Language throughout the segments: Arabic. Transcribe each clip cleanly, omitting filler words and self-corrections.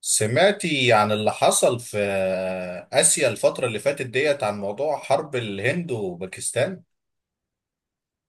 سمعتي عن اللي حصل في آسيا الفترة اللي فاتت ديت عن موضوع حرب الهند وباكستان؟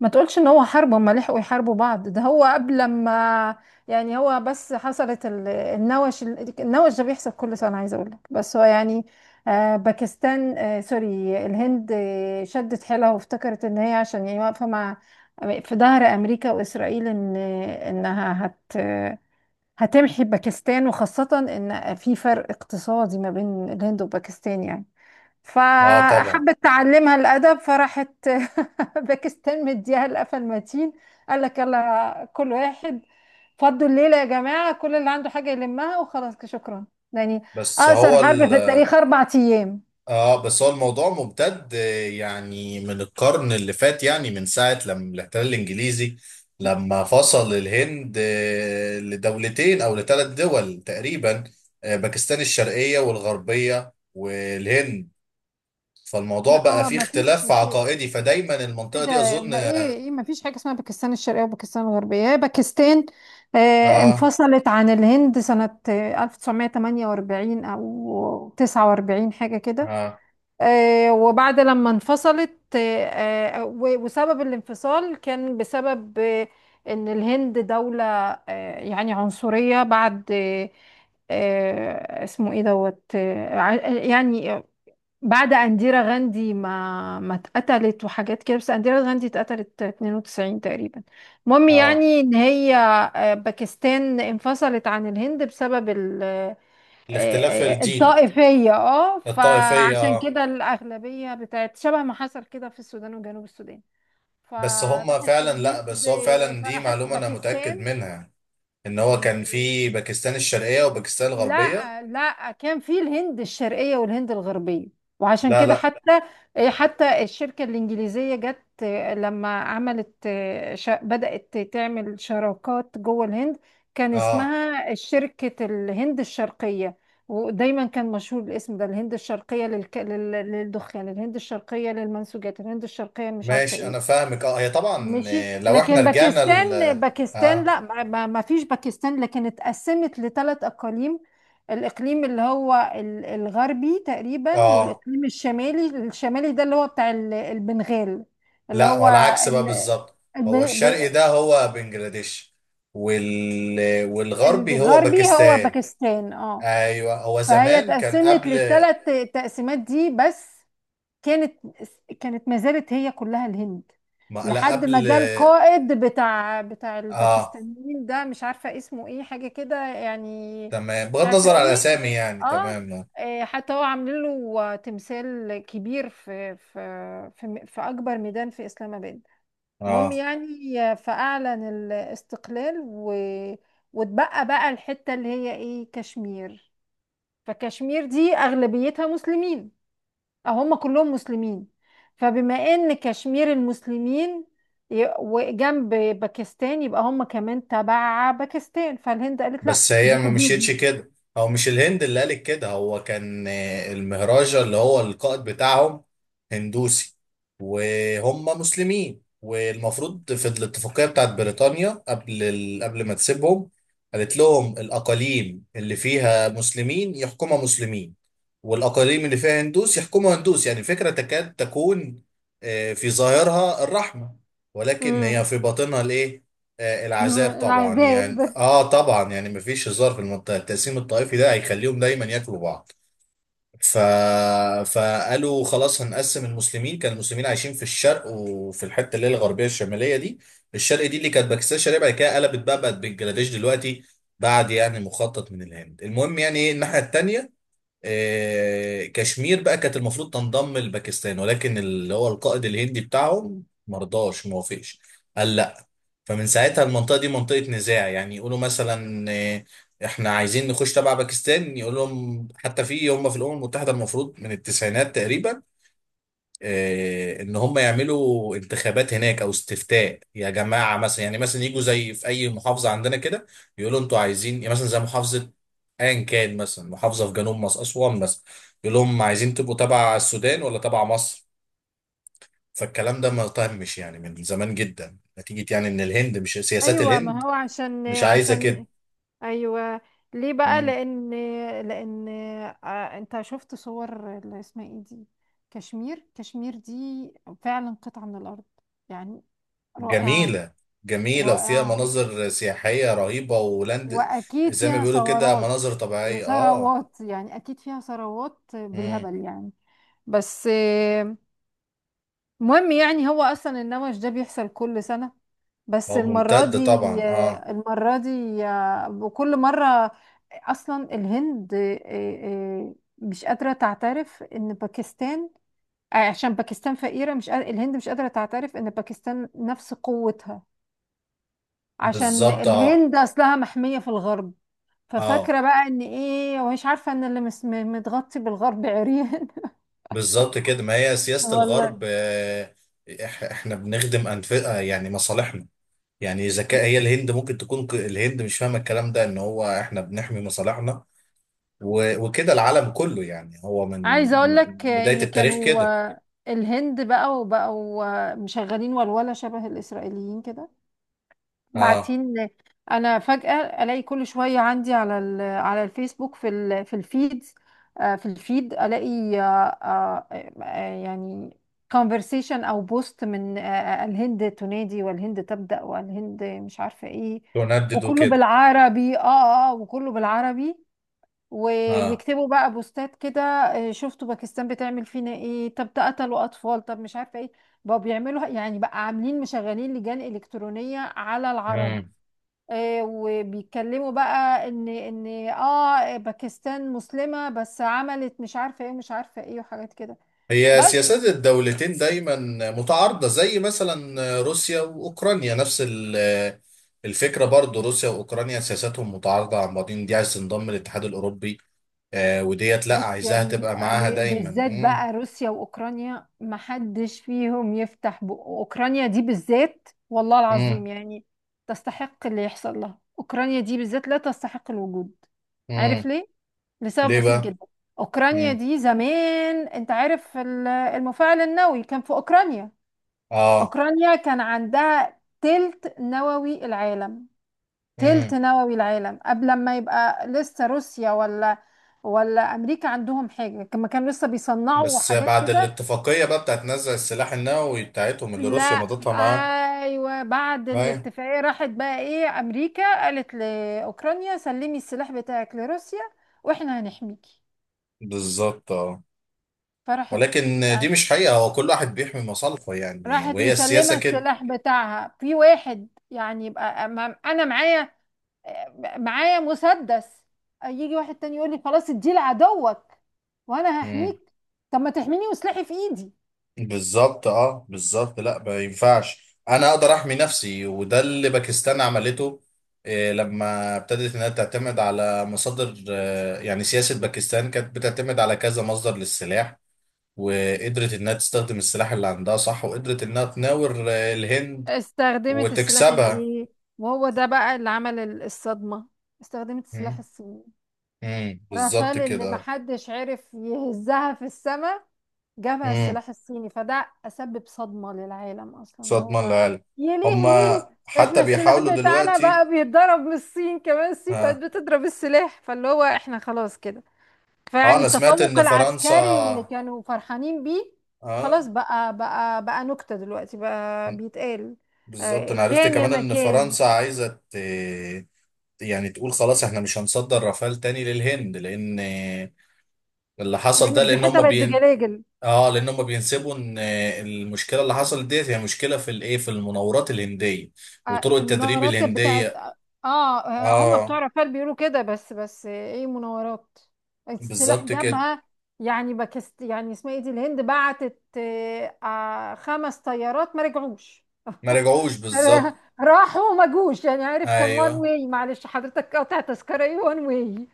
ما تقولش ان هو حرب هما لحقوا يحاربوا بعض. ده هو قبل ما يعني، هو بس حصلت النوش. النوش ده بيحصل كل سنة، عايزة اقول لك، بس هو يعني باكستان، سوري، الهند شدت حيلها وافتكرت ان هي عشان يعني واقفة مع، في ظهر امريكا واسرائيل، ان انها هت هتمحي باكستان، وخاصة ان في فرق اقتصادي ما بين الهند وباكستان يعني، اه، طبعا. فحبت تعلمها الأدب فراحت باكستان مديها القفا المتين. قال لك يلا كل واحد فضوا الليلة يا جماعة، كل اللي عنده حاجة يلمها وخلاص كده، شكرا يعني. بس أقصر هو حرب ال في التاريخ، أربع أيام. اه بس هو الموضوع ممتد، يعني من القرن اللي فات، يعني من ساعة لما الاحتلال الانجليزي لما فصل الهند لدولتين او لثلاث دول تقريبا. باكستان الشرقية والغربية والهند. فالموضوع لا، بقى هو فيه ما فيش، اختلاف في عقائدي، فدايما ايه المنطقة دي ده اظن ما ايه ايه ما فيش حاجة اسمها باكستان الشرقية وباكستان الغربية، هي باكستان. آه، اه انفصلت عن الهند سنة 1948 أو 49 حاجة كده. اه وبعد لما انفصلت، وسبب الانفصال كان بسبب ان الهند دولة، يعني عنصرية بعد اسمه ايه دوت، يعني بعد انديرا غاندي ما اتقتلت وحاجات كده. بس انديرا غاندي اتقتلت 92 تقريبا. المهم اه يعني ان هي باكستان انفصلت عن الهند بسبب الاختلاف الجين الطائفية. اه، الطائفية. فعشان اه. كده الأغلبية بتاعت، شبه ما حصل كده في السودان وجنوب السودان. بس هم فراحت فعلا لا الهند، بس هو فعلا دي فراحت معلومة انا متأكد باكستان. منها، ان هو كان في باكستان الشرقية وباكستان الغربية. لا لا، كان في الهند الشرقية والهند الغربية، وعشان لا، كده لا. حتى، إيه، حتى الشركة الإنجليزية جت لما عملت، بدأت تعمل شراكات جوه الهند. كان اه، اسمها شركة الهند الشرقية، ودايما كان مشهور الاسم ده، الهند الشرقية للدخان، الهند الشرقية للمنسوجات، الهند الشرقية مش عارفة ماشي، انا ايه. فاهمك. اه، هي طبعا، ماشي، لو احنا لكن رجعنا ال باكستان، باكستان اه لا، ما فيش باكستان، لكن اتقسمت لثلاث اقاليم. الاقليم اللي هو الغربي تقريبا، اه والاقليم الشمالي. الشمالي ده اللي هو بتاع البنغال، اللي لا، هو هو العكس بقى ال- بالظبط. هو الب- الشرقي ب- ده هو بنجلاديش، والغربي هو الغربي هو باكستان. باكستان اه. ايوه، هو فهي زمان كان اتقسمت قبل للثلاث تقسيمات دي بس، كانت، ما زالت هي كلها الهند، ما لا لحد ما قبل. جه القائد بتاع اه، الباكستانيين ده، مش عارفة اسمه ايه حاجة كده يعني. تمام، مش بغض عارفة النظر على ايه. الاسامي يعني. اه، تمام. إيه، حتى هو عاملين له تمثال كبير في أكبر ميدان في إسلام آباد. المهم اه، يعني، فأعلن الاستقلال و... واتبقى بقى الحتة اللي هي ايه، كشمير. فكشمير دي أغلبيتها مسلمين، هم كلهم مسلمين. فبما ان كشمير المسلمين، وجنب باكستان، يبقى هم كمان تبع باكستان. فالهند قالت لا، بس هي دي ما مشيتش حدودي. كده. هو مش الهند اللي قالت كده، هو كان المهراجة اللي هو القائد بتاعهم هندوسي، وهم مسلمين، والمفروض في الاتفاقية بتاعت بريطانيا قبل ما تسيبهم قالت لهم الأقاليم اللي فيها مسلمين يحكمها مسلمين، والأقاليم اللي فيها هندوس يحكمها هندوس. يعني الفكرة تكاد تكون في ظاهرها الرحمة، ولكن هي امم في باطنها الإيه؟ العذاب طبعا يعني. العذاب. اه، طبعا يعني مفيش هزار في المنطقه، التقسيم الطائفي ده هيخليهم دايما ياكلوا بعض. ف... فقالوا خلاص هنقسم المسلمين. كان المسلمين عايشين في الشرق، وفي الحته اللي هي الغربيه الشماليه دي. الشرق دي اللي كانت باكستان الشرقيه، بعد كده قلبت بقى، بقت بنجلاديش دلوقتي، بعد يعني مخطط من الهند. المهم يعني ايه، الناحيه التانيه كشمير بقى كانت المفروض تنضم لباكستان، ولكن اللي هو القائد الهندي بتاعهم مرضاش، موافقش، قال لا. فمن ساعتها المنطقة دي منطقة نزاع. يعني يقولوا مثلا احنا عايزين نخش تبع باكستان، يقول لهم. حتى في هم في الأمم المتحدة، المفروض من التسعينات تقريبا ان هم يعملوا انتخابات هناك او استفتاء. يا جماعة، مثلا يعني مثلا يجوا زي في اي محافظة عندنا كده، يقولوا انتوا عايزين يعني مثلا زي محافظة، ايا كان، مثلا محافظة في جنوب مصر، أسوان مثلا. يقول لهم عايزين تبقوا تبع السودان ولا تبع مصر. فالكلام ده ما تمش يعني من زمان جدا، نتيجة يعني ان الهند مش، سياسات ايوه، الهند ما هو عشان مش عايزة كده. ايوه. ليه بقى؟ مم. لان، لان انت شفت صور اللي اسمها ايه دي، كشمير. كشمير دي فعلا قطعة من الارض يعني، رائعة. جميلة. جميلة وفيها رائعة، مناظر سياحية رهيبة ولاند. واكيد زي ما فيها بيقولوا كده ثورات، مناظر طبيعية. اه. ثروات يعني. اكيد فيها ثروات مم. بالهبل يعني. بس مهم يعني، هو اصلا النمش ده بيحصل كل سنة، بس اه، المرة ممتدة دي طبعا. اه، المرة دي وكل مرة، اصلا الهند مش قادرة تعترف ان باكستان عشان باكستان فقيرة، مش قادرة، الهند مش قادرة تعترف ان باكستان نفس قوتها، عشان بالظبط. اه، الهند اصلها محمية في الغرب. اه، ففاكرة بقى ان ايه، ومش عارفة ان اللي متغطي بالغرب عريان. بالظبط كده. ما هي سياسة والله. الغرب. احنا بنخدم أنف آه، يعني مصالحنا. يعني إذا كان هي الهند ممكن تكون الهند مش فاهمة الكلام ده، إن هو احنا بنحمي مصالحنا، وكده العالم كله. يعني هو من عايزة اقول من لك بداية ان التاريخ كانوا كده. الهند بقى وبقوا مشغلين ولولة شبه الاسرائيليين كده اه، بعتين. انا فجأة الاقي كل شوية عندي على على الفيسبوك في الفيد، في الفيد الاقي آه، يعني conversation او بوست من الهند تنادي والهند تبدأ والهند مش عارفة ايه. تندد وكله وكده. بالعربي، اه اه، وكله بالعربي. اه. ويكتبوا بقى بوستات كده، شفتوا باكستان بتعمل فينا ايه، طب ده قتلوا اطفال، طب مش عارفة ايه. بقوا بيعملوا يعني، بقى عاملين مشغلين لجان إلكترونية على العرب. مم. وبيتكلموا بقى ان اه باكستان مسلمة بس عملت مش عارفة ايه ومش عارفة ايه وحاجات كده هي بس. سياسات الدولتين دايما متعارضة، زي مثلا روسيا وأوكرانيا نفس الفكرة برضو. روسيا وأوكرانيا سياساتهم متعارضة عن بعضين، دي عايز تنضم للاتحاد الأوروبي، وديت لا، بص يا عايزاها ابني، تبقى معاها دايما. بالذات مم. بقى روسيا واوكرانيا محدش فيهم يفتح بقه. اوكرانيا دي بالذات، والله مم. العظيم يعني، تستحق اللي يحصل لها. اوكرانيا دي بالذات لا تستحق الوجود. مم. عارف ليه؟ لسبب ليه بسيط بقى؟ جدا، اوكرانيا مم. دي زمان، انت عارف المفاعل النووي كان في اوكرانيا. اه. أوكرانيا كان عندها تلت نووي العالم، مم. قبل ما يبقى لسه روسيا، ولا أمريكا عندهم حاجة، كما كانوا لسه بيصنعوا بس حاجات بعد كده. الاتفاقية بقى بتاعت نزع السلاح النووي بتاعتهم اللي روسيا لا، مضتها معاه. أيوة، بعد ايوه. الاتفاقية راحت بقى إيه، أمريكا قالت لأوكرانيا سلمي السلاح بتاعك لروسيا وإحنا هنحميكي. بالظبط، اه. فراحت، ولكن دي مش حقيقة، هو كل واحد بيحمي مصالحه يعني، راحت وهي مسلمة السياسة كده. السلاح بتاعها في واحد. يعني يبقى أنا معايا، مسدس، يجي واحد تاني يقول لي خلاص اديه لعدوك وانا مم. هحميك. طب ما تحميني وسلاحي في ايدي. بالظبط. اه، بالظبط. لا، ما ينفعش، انا اقدر احمي نفسي، وده اللي باكستان عملته. إيه، لما ابتدت انها تعتمد على مصادر، يعني سياسة باكستان كانت بتعتمد على كذا مصدر للسلاح، وقدرت انها تستخدم السلاح اللي عندها، صح؟ وقدرت انها تناور الهند استخدمت السلاح وتكسبها. الايه، وهو ده بقى اللي عمل الصدمة، استخدمت السلاح مم. الصيني. مم. بالظبط رافال اللي كده. محدش عرف يهزها في السماء، جابها مم. السلاح الصيني. فده أسبب صدمة للعالم أصلا، مش اللي هضمن هو، العالم. يا هما لهوي، حتى احنا السلاح بيحاولوا بتاعنا دلوقتي. بقى بيتضرب من الصين كمان. الصين بقت اه, بتضرب السلاح، فاللي هو احنا خلاص كده. فيعني انا سمعت التفوق ان العسكري اللي فرنسا. كانوا فرحانين بيه، خلاص اه، بقى، نكتة دلوقتي بقى بيتقال. بالظبط، انا عرفت كان يا كمان ما ان كان. فرنسا يعني تقول خلاص احنا مش هنصدر رافال تاني للهند، لان اللي حصل ده، لأن لان فضيحتها هما بقت بين. بجلاجل. اه، لان هما بينسبوا ان المشكله اللي حصلت ديت هي مشكله في الايه، في المناورات الهنديه وطرق في التدريب المناورات بتاعت الهنديه. اه، هم بتوع اه، رافال بيقولوا كده بس، ايه مناورات، السلاح بالظبط كده. جابها. يعني باكست يعني اسمها ايه دي، الهند بعتت خمس طيارات ما رجعوش. ما رجعوش، بالظبط. راحوا وما جوش، يعني عارف، كان وان ايوه. واي، معلش حضرتك قاطع تذكرة ايه، وان واي.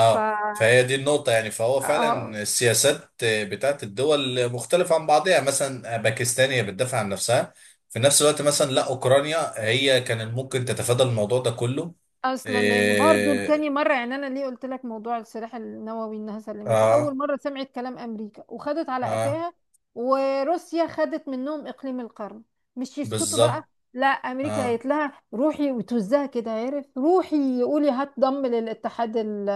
ف فهي دي النقطة يعني. فهو اه فعلا السياسات بتاعت الدول مختلفة عن بعضها، يعني مثلا باكستان هي بتدافع عن نفسها في نفس الوقت. مثلا لا، أوكرانيا هي كان ممكن تتفادى الموضوع ده كله. اصلا لان برضو إيه. لتاني مره، يعني انا ليه قلت لك موضوع السلاح النووي، انها سلمته اول اه. مره سمعت كلام امريكا وخدت على اه، قفاها. وروسيا خدت منهم اقليم القرن، مش يسكتوا بقى. بالظبط. لا، امريكا اه، قالت لها روحي وتوزها كده عارف، روحي قولي هتضم للاتحاد ال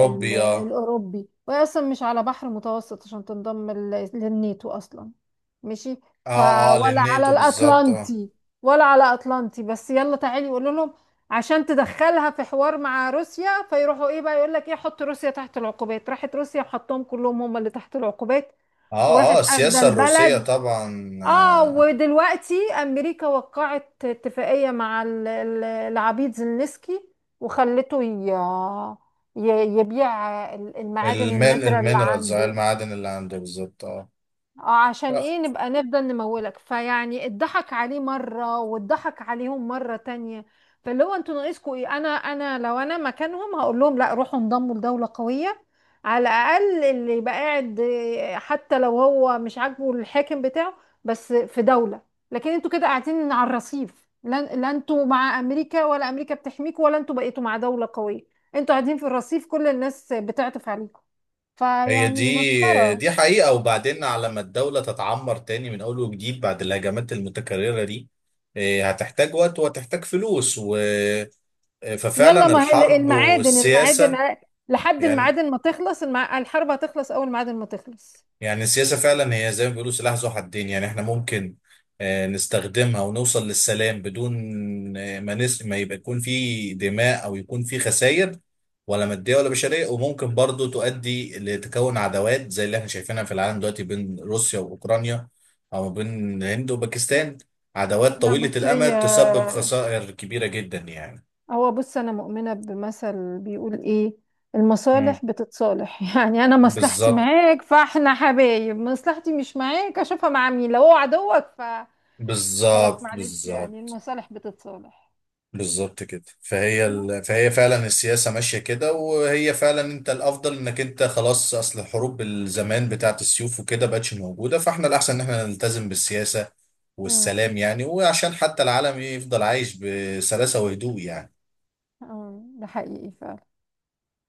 ال اه. الاوروبي، وهي اصلا مش على بحر متوسط عشان تنضم للناتو اصلا. ماشي، ف اه. اه، ولا على للناتو بالظبط. اه. الاطلنطي، ولا على اطلنطي. بس يلا تعالي قولوا لهم عشان تدخلها في حوار مع روسيا. فيروحوا ايه بقى، يقول لك ايه، حط روسيا تحت العقوبات. راحت روسيا وحطهم كلهم هم اللي تحت العقوبات، اه. وراحت اه، اخده السياسة الروسية البلد. طبعا. اه، ودلوقتي امريكا وقعت اتفاقية مع العبيد زيلينسكي، وخلته يبيع المعادن المين النادرة اللي المينرالز، عنده. المعادن اللي عنده، بالظبط. اه، اه عشان آه، ايه، نبقى نفضل نمولك. فيعني اتضحك عليه مرة واتضحك عليهم مرة تانية. فاللي هو انتوا ناقصكوا ايه، انا انا لو انا مكانهم هقول لهم لا، روحوا انضموا لدولة قوية. على الاقل اللي يبقى قاعد، حتى لو هو مش عاجبه الحاكم بتاعه، بس في دولة. لكن انتوا كده قاعدين على الرصيف، لا، انتوا مع امريكا ولا امريكا بتحميكوا، ولا انتوا بقيتوا مع دولة قوية. انتوا قاعدين في الرصيف، كل الناس بتعطف عليكم. هي فيعني دي مسخرة. دي حقيقة. وبعدين على ما الدولة تتعمر تاني من أول وجديد بعد الهجمات المتكررة دي، إيه، هتحتاج وقت وهتحتاج فلوس و... آه، يلا، ففعلا ما هي الحرب المعادن، والسياسة لحد يعني. المعادن ما تخلص الحرب هتخلص اول، معادن ما تخلص. يعني السياسة فعلا هي زي ما بيقولوا سلاح ذو حدين. يعني احنا ممكن نستخدمها ونوصل للسلام بدون ما يبقى يكون في دماء او يكون في خسائر، ولا مادية ولا بشرية. وممكن برضو تؤدي لتكون عداوات زي اللي احنا شايفينها في العالم دلوقتي بين روسيا واوكرانيا، او بين الهند وباكستان. عداوات لا طويلة بس هي، الامد تسبب خسائر كبيرة جدا يعني. هو بص، انا مؤمنة بمثل بيقول ايه، مم. المصالح بتتصالح. يعني انا مصلحتي بالظبط، معاك فاحنا حبايب، مصلحتي مش معاك اشوفها مع مين، لو هو عدوك فخلاص. بالظبط، معلش يعني، بالظبط، المصالح بتتصالح. بالظبط كده. فهي فهي فعلا السياسة ماشية كده، وهي فعلا انت الافضل انك انت خلاص. اصل الحروب الزمان بتاعت السيوف وكده بقتش موجودة، فاحنا الاحسن ان احنا نلتزم بالسياسة امم، والسلام يعني. وعشان حتى العالم يفضل عايش بسلاسة وهدوء يعني. أمم، ده حقيقي.